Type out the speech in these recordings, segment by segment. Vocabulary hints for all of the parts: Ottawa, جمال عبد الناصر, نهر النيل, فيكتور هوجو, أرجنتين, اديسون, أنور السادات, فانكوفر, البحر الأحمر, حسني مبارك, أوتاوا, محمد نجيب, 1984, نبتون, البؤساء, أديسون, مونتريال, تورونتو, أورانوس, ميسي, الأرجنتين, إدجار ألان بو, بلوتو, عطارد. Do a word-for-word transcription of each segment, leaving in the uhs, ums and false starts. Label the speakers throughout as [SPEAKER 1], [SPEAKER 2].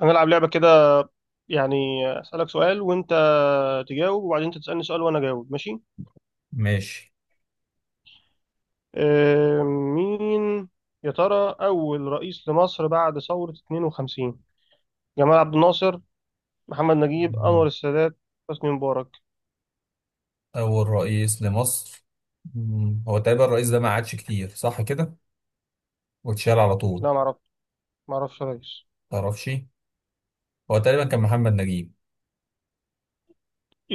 [SPEAKER 1] هنلعب لعبة كده، يعني أسألك سؤال وأنت تجاوب، وبعدين أنت تسألني سؤال وأنا أجاوب، ماشي؟
[SPEAKER 2] ماشي.
[SPEAKER 1] آه، مين يا ترى أول رئيس لمصر بعد ثورة اتنين وخمسين؟ جمال عبد الناصر، محمد نجيب،
[SPEAKER 2] مم.
[SPEAKER 1] أنور السادات، حسني مبارك؟
[SPEAKER 2] أول رئيس لمصر. مم. هو تقريبا الرئيس ده ما قعدش كتير، صح كده، واتشال على طول.
[SPEAKER 1] لا، معرف معرفش يا ريس.
[SPEAKER 2] متعرفش. هو تقريبا كان محمد نجيب.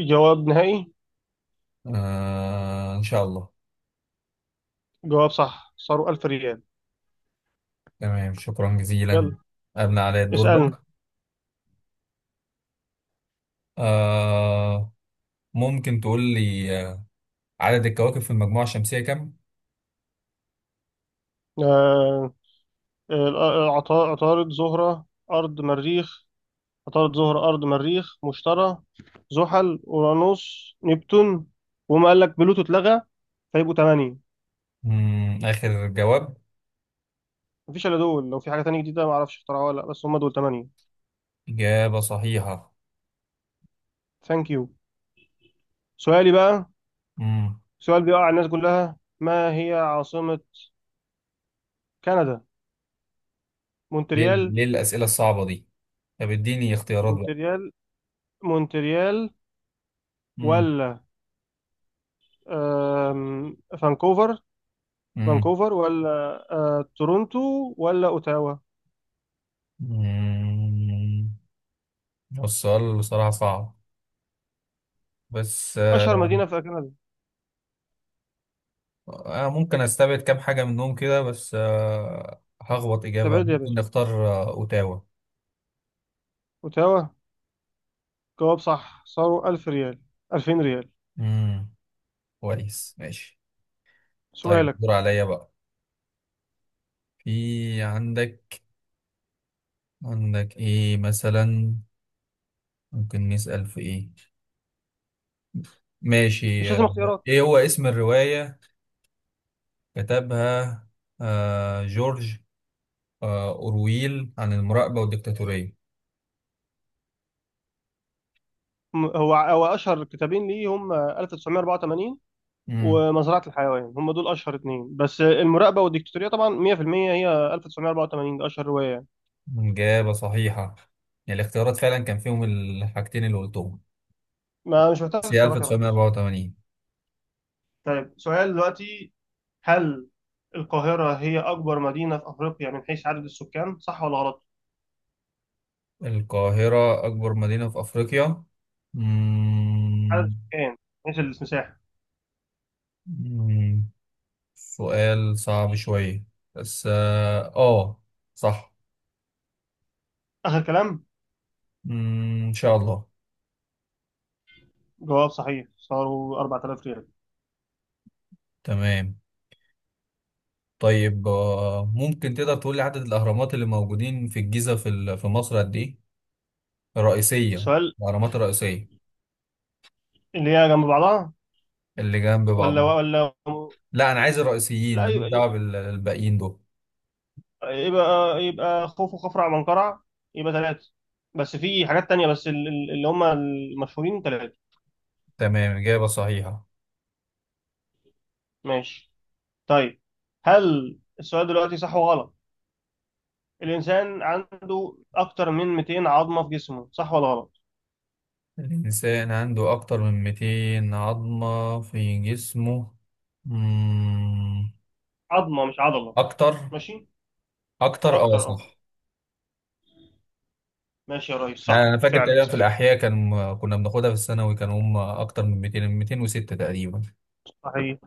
[SPEAKER 1] جواب نهائي.
[SPEAKER 2] آه، إن شاء الله.
[SPEAKER 1] جواب صح، صاروا ألف ريال.
[SPEAKER 2] تمام، شكرا جزيلا.
[SPEAKER 1] يلا،
[SPEAKER 2] أبنى علي الدور
[SPEAKER 1] اسألني.
[SPEAKER 2] بقى. آه ممكن تقول لي آه، عدد الكواكب في المجموعة الشمسية كم؟
[SPEAKER 1] آه، آه، آه، عطا- عطارد، زهرة، أرض، مريخ، عطارد، زهر، أرض، مريخ، مشتري، زحل، أورانوس، نبتون. وما قال لك بلوتو اتلغى. فيبقوا تمانية.
[SPEAKER 2] مم. آخر جواب.
[SPEAKER 1] مفيش إلا دول، لو في حاجة تانية جديدة معرفش اخترعوها ولا لأ، بس هم دول تمانية.
[SPEAKER 2] إجابة صحيحة.
[SPEAKER 1] ثانك يو. سؤالي بقى.
[SPEAKER 2] مم.
[SPEAKER 1] سؤال بيقع على الناس كلها، ما هي عاصمة كندا؟
[SPEAKER 2] ليه
[SPEAKER 1] مونتريال
[SPEAKER 2] ليه الأسئلة الصعبة دي؟ طب اديني اختيارات بقى.
[SPEAKER 1] مونتريال مونتريال،
[SPEAKER 2] مم.
[SPEAKER 1] ولا آم، فانكوفر،
[SPEAKER 2] مم.
[SPEAKER 1] فانكوفر ولا آه، تورونتو، ولا أوتاوا؟
[SPEAKER 2] مم. هو السؤال بصراحة صعب، بس
[SPEAKER 1] أشهر
[SPEAKER 2] آه،
[SPEAKER 1] مدينة في كندا.
[SPEAKER 2] أنا ممكن أستبعد كام حاجة منهم كده، بس آه، هخبط إجابة،
[SPEAKER 1] استبعد يا
[SPEAKER 2] ممكن
[SPEAKER 1] باشا.
[SPEAKER 2] نختار آه، أوتاوا.
[SPEAKER 1] أوتاوا. جواب صح، صاروا ألف ريال، ألفين ريال.
[SPEAKER 2] امم كويس، ماشي. طيب
[SPEAKER 1] سؤالك.
[SPEAKER 2] الدور عليا بقى. في عندك عندك إيه مثلا؟ ممكن نسأل في إيه؟
[SPEAKER 1] مش
[SPEAKER 2] ماشي.
[SPEAKER 1] لازم
[SPEAKER 2] آه،
[SPEAKER 1] اختيارات.
[SPEAKER 2] إيه هو اسم الرواية كتبها آه، جورج آه، أورويل عن المراقبة والديكتاتورية؟
[SPEAKER 1] م- هو هو اشهر كتابين ليه هم ألف وتسعمية أربعة وتمانين
[SPEAKER 2] مم.
[SPEAKER 1] ومزرعة الحيوان. هم دول اشهر اتنين، بس المراقبة والديكتاتورية طبعا مئة في المئة. هي ألف وتسعمية أربعة وتمانين ده اشهر رواية يعني.
[SPEAKER 2] إجابة صحيحة. يعني الاختيارات فعلا كان فيهم الحاجتين اللي قلتهم،
[SPEAKER 1] ما مش محتاج
[SPEAKER 2] بس هي
[SPEAKER 1] اختيارات يا ريس.
[SPEAKER 2] ألف وتسعمية وأربعة وتمانين.
[SPEAKER 1] طيب، سؤال دلوقتي. هل القاهرة هي أكبر مدينة في أفريقيا من حيث عدد السكان، صح ولا غلط؟
[SPEAKER 2] القاهرة أكبر مدينة في أفريقيا.
[SPEAKER 1] عدد
[SPEAKER 2] مم...
[SPEAKER 1] السكان، من حيث المساحة.
[SPEAKER 2] مم... سؤال صعب شوية، بس آه آه، صح.
[SPEAKER 1] آخر كلام.
[SPEAKER 2] مم... إن شاء الله.
[SPEAKER 1] جواب صحيح، صاروا أربعة آلاف ريال.
[SPEAKER 2] تمام. طيب آه، ممكن تقدر تقول لي عدد الأهرامات اللي موجودين في الجيزة في ال- في مصر قد إيه؟ الرئيسية.
[SPEAKER 1] السؤال،
[SPEAKER 2] الأهرامات الرئيسية.
[SPEAKER 1] اللي هي جنب بعضها.
[SPEAKER 2] اللي جنب
[SPEAKER 1] ولا
[SPEAKER 2] بعض.
[SPEAKER 1] ولا
[SPEAKER 2] لا، انا عايز الرئيسيين،
[SPEAKER 1] لا،
[SPEAKER 2] ماليش دعوه
[SPEAKER 1] يبقى
[SPEAKER 2] بالباقيين دول.
[SPEAKER 1] يبقى يبقى خوف وخفرع منقرع. يبقى ثلاثة. بس في حاجات تانية، بس ال- ال- اللي هم المشهورين ثلاثة.
[SPEAKER 2] تمام، اجابه صحيحه.
[SPEAKER 1] ماشي. طيب، هل السؤال دلوقتي صح وغلط؟ الإنسان عنده أكتر من مئتين عظمة في جسمه، صح ولا غلط؟
[SPEAKER 2] الانسان عنده اكتر من مئتين عظمه في جسمه. مم.
[SPEAKER 1] عظمة مش عضلة.
[SPEAKER 2] اكتر.
[SPEAKER 1] ماشي.
[SPEAKER 2] اكتر، اه،
[SPEAKER 1] أكتر، أه.
[SPEAKER 2] صح.
[SPEAKER 1] ماشي يا ريس،
[SPEAKER 2] انا أنا
[SPEAKER 1] صح
[SPEAKER 2] فاكر
[SPEAKER 1] فعلا.
[SPEAKER 2] تقريبا في الاحياء، كان كنا بناخدها في الثانوي، كان هم اكتر من مئتين، مئتين وستة تقريبا.
[SPEAKER 1] صحيح.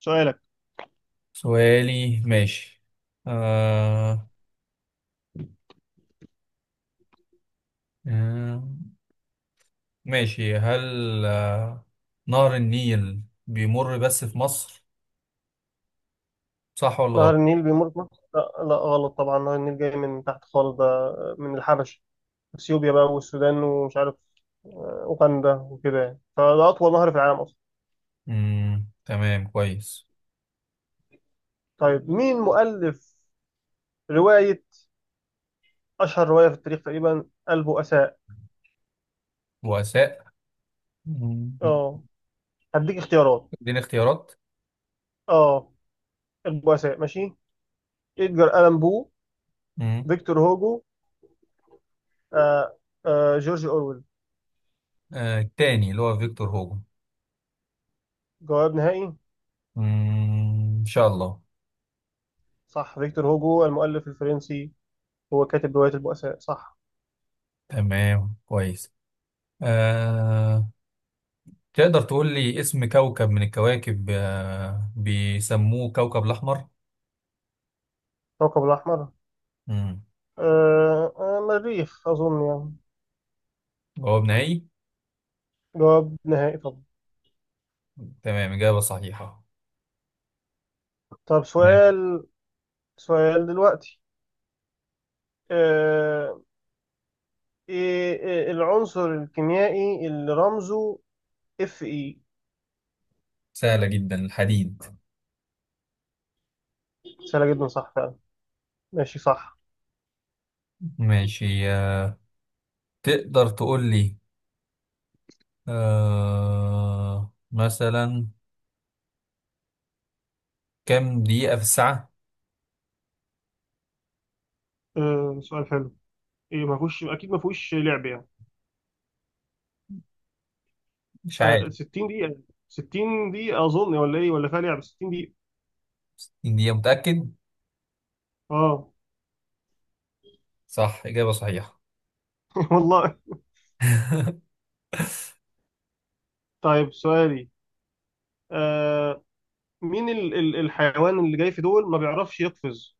[SPEAKER 1] سؤالك.
[SPEAKER 2] سؤالي ماشي. آه... آه... ماشي. هل آه... نهر النيل بيمر بس في مصر، صح ولا
[SPEAKER 1] نهر
[SPEAKER 2] غلط؟
[SPEAKER 1] النيل بيمر في مصر؟ لا. لا، غلط طبعا. نهر النيل جاي من تحت خالص ده، من الحبش، اثيوبيا بقى والسودان، ومش عارف، أوغندا وكده، يعني فده أطول نهر في العالم أصلا.
[SPEAKER 2] مم. تمام، كويس.
[SPEAKER 1] طيب، مين مؤلف رواية، أشهر رواية في التاريخ تقريبا، البؤساء؟
[SPEAKER 2] بؤساء. مم.
[SPEAKER 1] أه، هديك اختيارات.
[SPEAKER 2] اديني اختيارات.
[SPEAKER 1] أه، البؤساء، ماشي. إدجار ألان بو،
[SPEAKER 2] مم.
[SPEAKER 1] فيكتور هوجو، آه آه جورج أورويل؟
[SPEAKER 2] آه التاني اللي هو فيكتور هوجو.
[SPEAKER 1] جواب نهائي.
[SPEAKER 2] مم. ان شاء الله.
[SPEAKER 1] صح، فيكتور هوجو المؤلف الفرنسي، هو كاتب رواية البؤساء، صح.
[SPEAKER 2] تمام، كويس. آه تقدر تقول لي اسم كوكب من الكواكب آه بيسموه كوكب الأحمر.
[SPEAKER 1] كوكب الأحمر؟
[SPEAKER 2] مم.
[SPEAKER 1] آه آه مريخ أظن يعني.
[SPEAKER 2] جواب نهائي.
[SPEAKER 1] جواب نهائي طبعا.
[SPEAKER 2] تمام، إجابة صحيحة.
[SPEAKER 1] طب
[SPEAKER 2] تمام.
[SPEAKER 1] سؤال. سؤال دلوقتي. آه، إيه العنصر الكيميائي اللي رمزه اف اي؟
[SPEAKER 2] سهلة جدا، الحديد.
[SPEAKER 1] سهله جدا، صح فعلا. ماشي، صح.
[SPEAKER 2] ماشي. آه تقدر تقول لي آه مثلا كم دقيقة في الساعة؟
[SPEAKER 1] آه سؤال حلو. إيه، ما فيهوش، اكيد ما فيهوش لعب يعني.
[SPEAKER 2] مش عارف.
[SPEAKER 1] آه ستين دقيقه. ستين دقيقه اظن، ولا ايه ولا فيها لعب، ستين دقيقه.
[SPEAKER 2] اني متأكد.
[SPEAKER 1] اه.
[SPEAKER 2] صح، إجابة صحيحة.
[SPEAKER 1] والله. طيب، سؤالي. آه مين ال ال الحيوان اللي جاي في دول ما بيعرفش يقفز.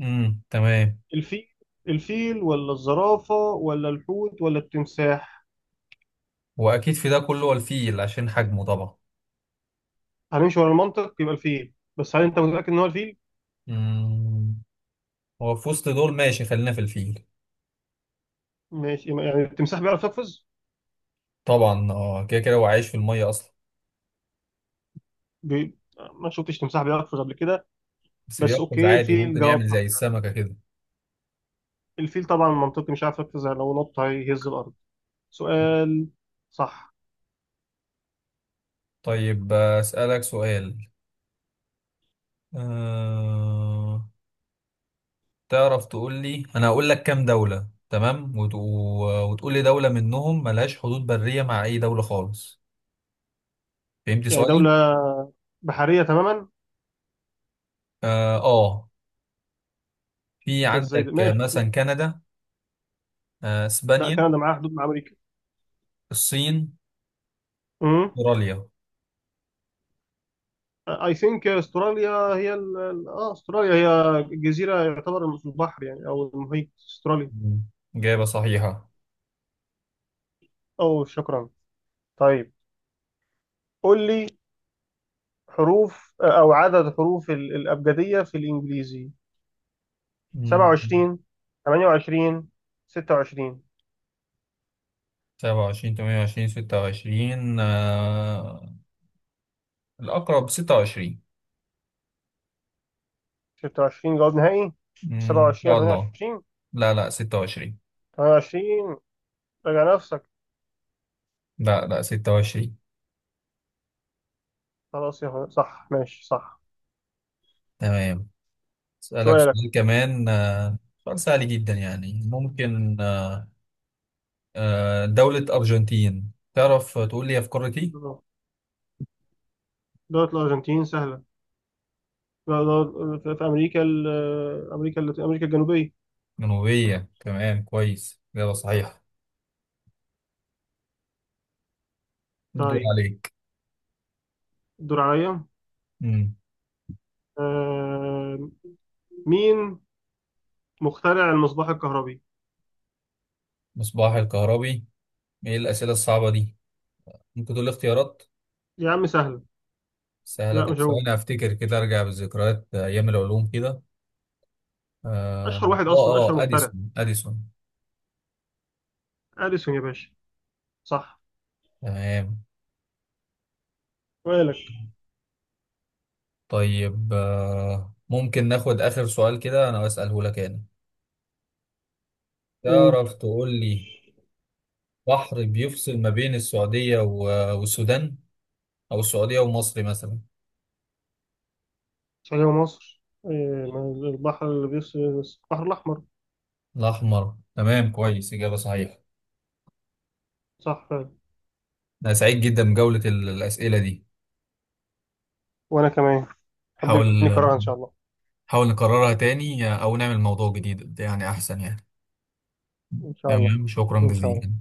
[SPEAKER 2] امم تمام.
[SPEAKER 1] الفيل الفيل ولا الزرافه ولا الحوت ولا التمساح؟
[SPEAKER 2] واكيد في ده كله هو الفيل عشان حجمه طبعا.
[SPEAKER 1] هنمشي ورا المنطق، يبقى الفيل، بس هل انت متاكد ان هو الفيل؟
[SPEAKER 2] امم هو في وسط دول، ماشي، خلينا في الفيل.
[SPEAKER 1] ماشي، يعني التمساح بيعرف يقفز؟
[SPEAKER 2] طبعا اه، كده كده هو عايش في المية اصلا.
[SPEAKER 1] بي... ما شفتش تمساح بيقفز قبل كده.
[SPEAKER 2] بس
[SPEAKER 1] بس
[SPEAKER 2] بيقفز
[SPEAKER 1] اوكي،
[SPEAKER 2] عادي،
[SPEAKER 1] الفيل
[SPEAKER 2] ممكن
[SPEAKER 1] جواب
[SPEAKER 2] يعمل
[SPEAKER 1] صح.
[SPEAKER 2] زي السمكة كده.
[SPEAKER 1] الفيل طبعا منطقي مش عارف يقفز يعني، لو نط هيهز الارض. سؤال، صح.
[SPEAKER 2] طيب آه، اسألك سؤال. أه... تعرف تقول لي، انا هقول لك كام دولة تمام وت... و- وتقول لي دولة منهم ملهاش حدود برية مع اي دولة خالص. فهمت
[SPEAKER 1] يعني
[SPEAKER 2] سؤالي؟
[SPEAKER 1] دولة بحرية تماما؟
[SPEAKER 2] اه، آه. في
[SPEAKER 1] ده ازاي ده،
[SPEAKER 2] عندك آه،
[SPEAKER 1] ماشي.
[SPEAKER 2] مثلا كندا، آه،
[SPEAKER 1] لا،
[SPEAKER 2] اسبانيا،
[SPEAKER 1] كندا معاها حدود مع امريكا.
[SPEAKER 2] الصين،
[SPEAKER 1] امم.
[SPEAKER 2] استراليا.
[SPEAKER 1] اي ثينك استراليا. هي ال... ال- اه استراليا هي جزيرة، يعتبر في البحر يعني او المحيط، استراليا.
[SPEAKER 2] مم. إجابة صحيحة.
[SPEAKER 1] او، شكرا. طيب، قول لي. حروف، او عدد حروف ال- الابجدية في الانجليزي.
[SPEAKER 2] مم.
[SPEAKER 1] سبعة وعشرين، ثمانية وعشرين، ستة وعشرين؟
[SPEAKER 2] سبعة وعشرين، تمانية وعشرين، ستة وعشرين، آه، الأقرب ستة وعشرين.
[SPEAKER 1] ستة وعشرين جواب نهائي.
[SPEAKER 2] مم، إن
[SPEAKER 1] سبعة وعشرين ولا
[SPEAKER 2] شاء الله.
[SPEAKER 1] تمنية وعشرين؟
[SPEAKER 2] لا لا ستة وعشرين.
[SPEAKER 1] تمنية وعشرين، راجع نفسك.
[SPEAKER 2] لا لا ستة وعشرين.
[SPEAKER 1] خلاص يا هو- صح، ماشي صح.
[SPEAKER 2] تمام. أسألك
[SPEAKER 1] سؤالك.
[SPEAKER 2] سؤال كمان، آه، سؤال سهل جدا يعني، ممكن آه، آه، دولة أرجنتين تعرف تقول لي هي في قارة إيه؟
[SPEAKER 1] دولة الأرجنتين سهلة. لا، دولة- في في أمريكا ال- أمريكا اللاتين- أمريكا الجنوبية.
[SPEAKER 2] جنوبية. تمام، كويس، إجابة صحيحة. الدور
[SPEAKER 1] طيب،
[SPEAKER 2] عليك.
[SPEAKER 1] الدور عليا. آه، مين مخترع المصباح الكهربي؟
[SPEAKER 2] مصباح الكهربي؟ ايه الأسئلة الصعبة دي؟ ممكن تقول لي اختيارات؟
[SPEAKER 1] يا عم سهلة.
[SPEAKER 2] سهلة؟
[SPEAKER 1] لا،
[SPEAKER 2] طب
[SPEAKER 1] مش هو.
[SPEAKER 2] ثواني افتكر كده، ارجع بالذكريات ايام العلوم كده. اه
[SPEAKER 1] أشهر واحد أصلا،
[SPEAKER 2] اه،
[SPEAKER 1] أشهر
[SPEAKER 2] آه،
[SPEAKER 1] مخترع.
[SPEAKER 2] اديسون، اديسون.
[SPEAKER 1] أديسون يا باشا. صح.
[SPEAKER 2] تمام.
[SPEAKER 1] سؤالك.
[SPEAKER 2] طيب آه ممكن ناخد اخر سؤال كده، انا اساله لك انا.
[SPEAKER 1] قول.
[SPEAKER 2] تعرف تقول لي، بحر بيفصل ما بين السعودية و- والسودان، او السعودية ومصر مثلا.
[SPEAKER 1] السعودية ومصر. آه، البحر اللي بيص البحر الأحمر.
[SPEAKER 2] الاحمر، تمام، كويس، اجابة صحيحة.
[SPEAKER 1] صح فعلا.
[SPEAKER 2] انا سعيد جدا بجولة ال- الأسئلة دي.
[SPEAKER 1] وأنا كمان.
[SPEAKER 2] حاول
[SPEAKER 1] حبيبني كراها ان شاء الله.
[SPEAKER 2] حاول نكررها تاني او نعمل موضوع جديد يعني، احسن يعني.
[SPEAKER 1] ان شاء الله.
[SPEAKER 2] تمام، شكرا
[SPEAKER 1] ان شاء
[SPEAKER 2] جزيلا.
[SPEAKER 1] الله.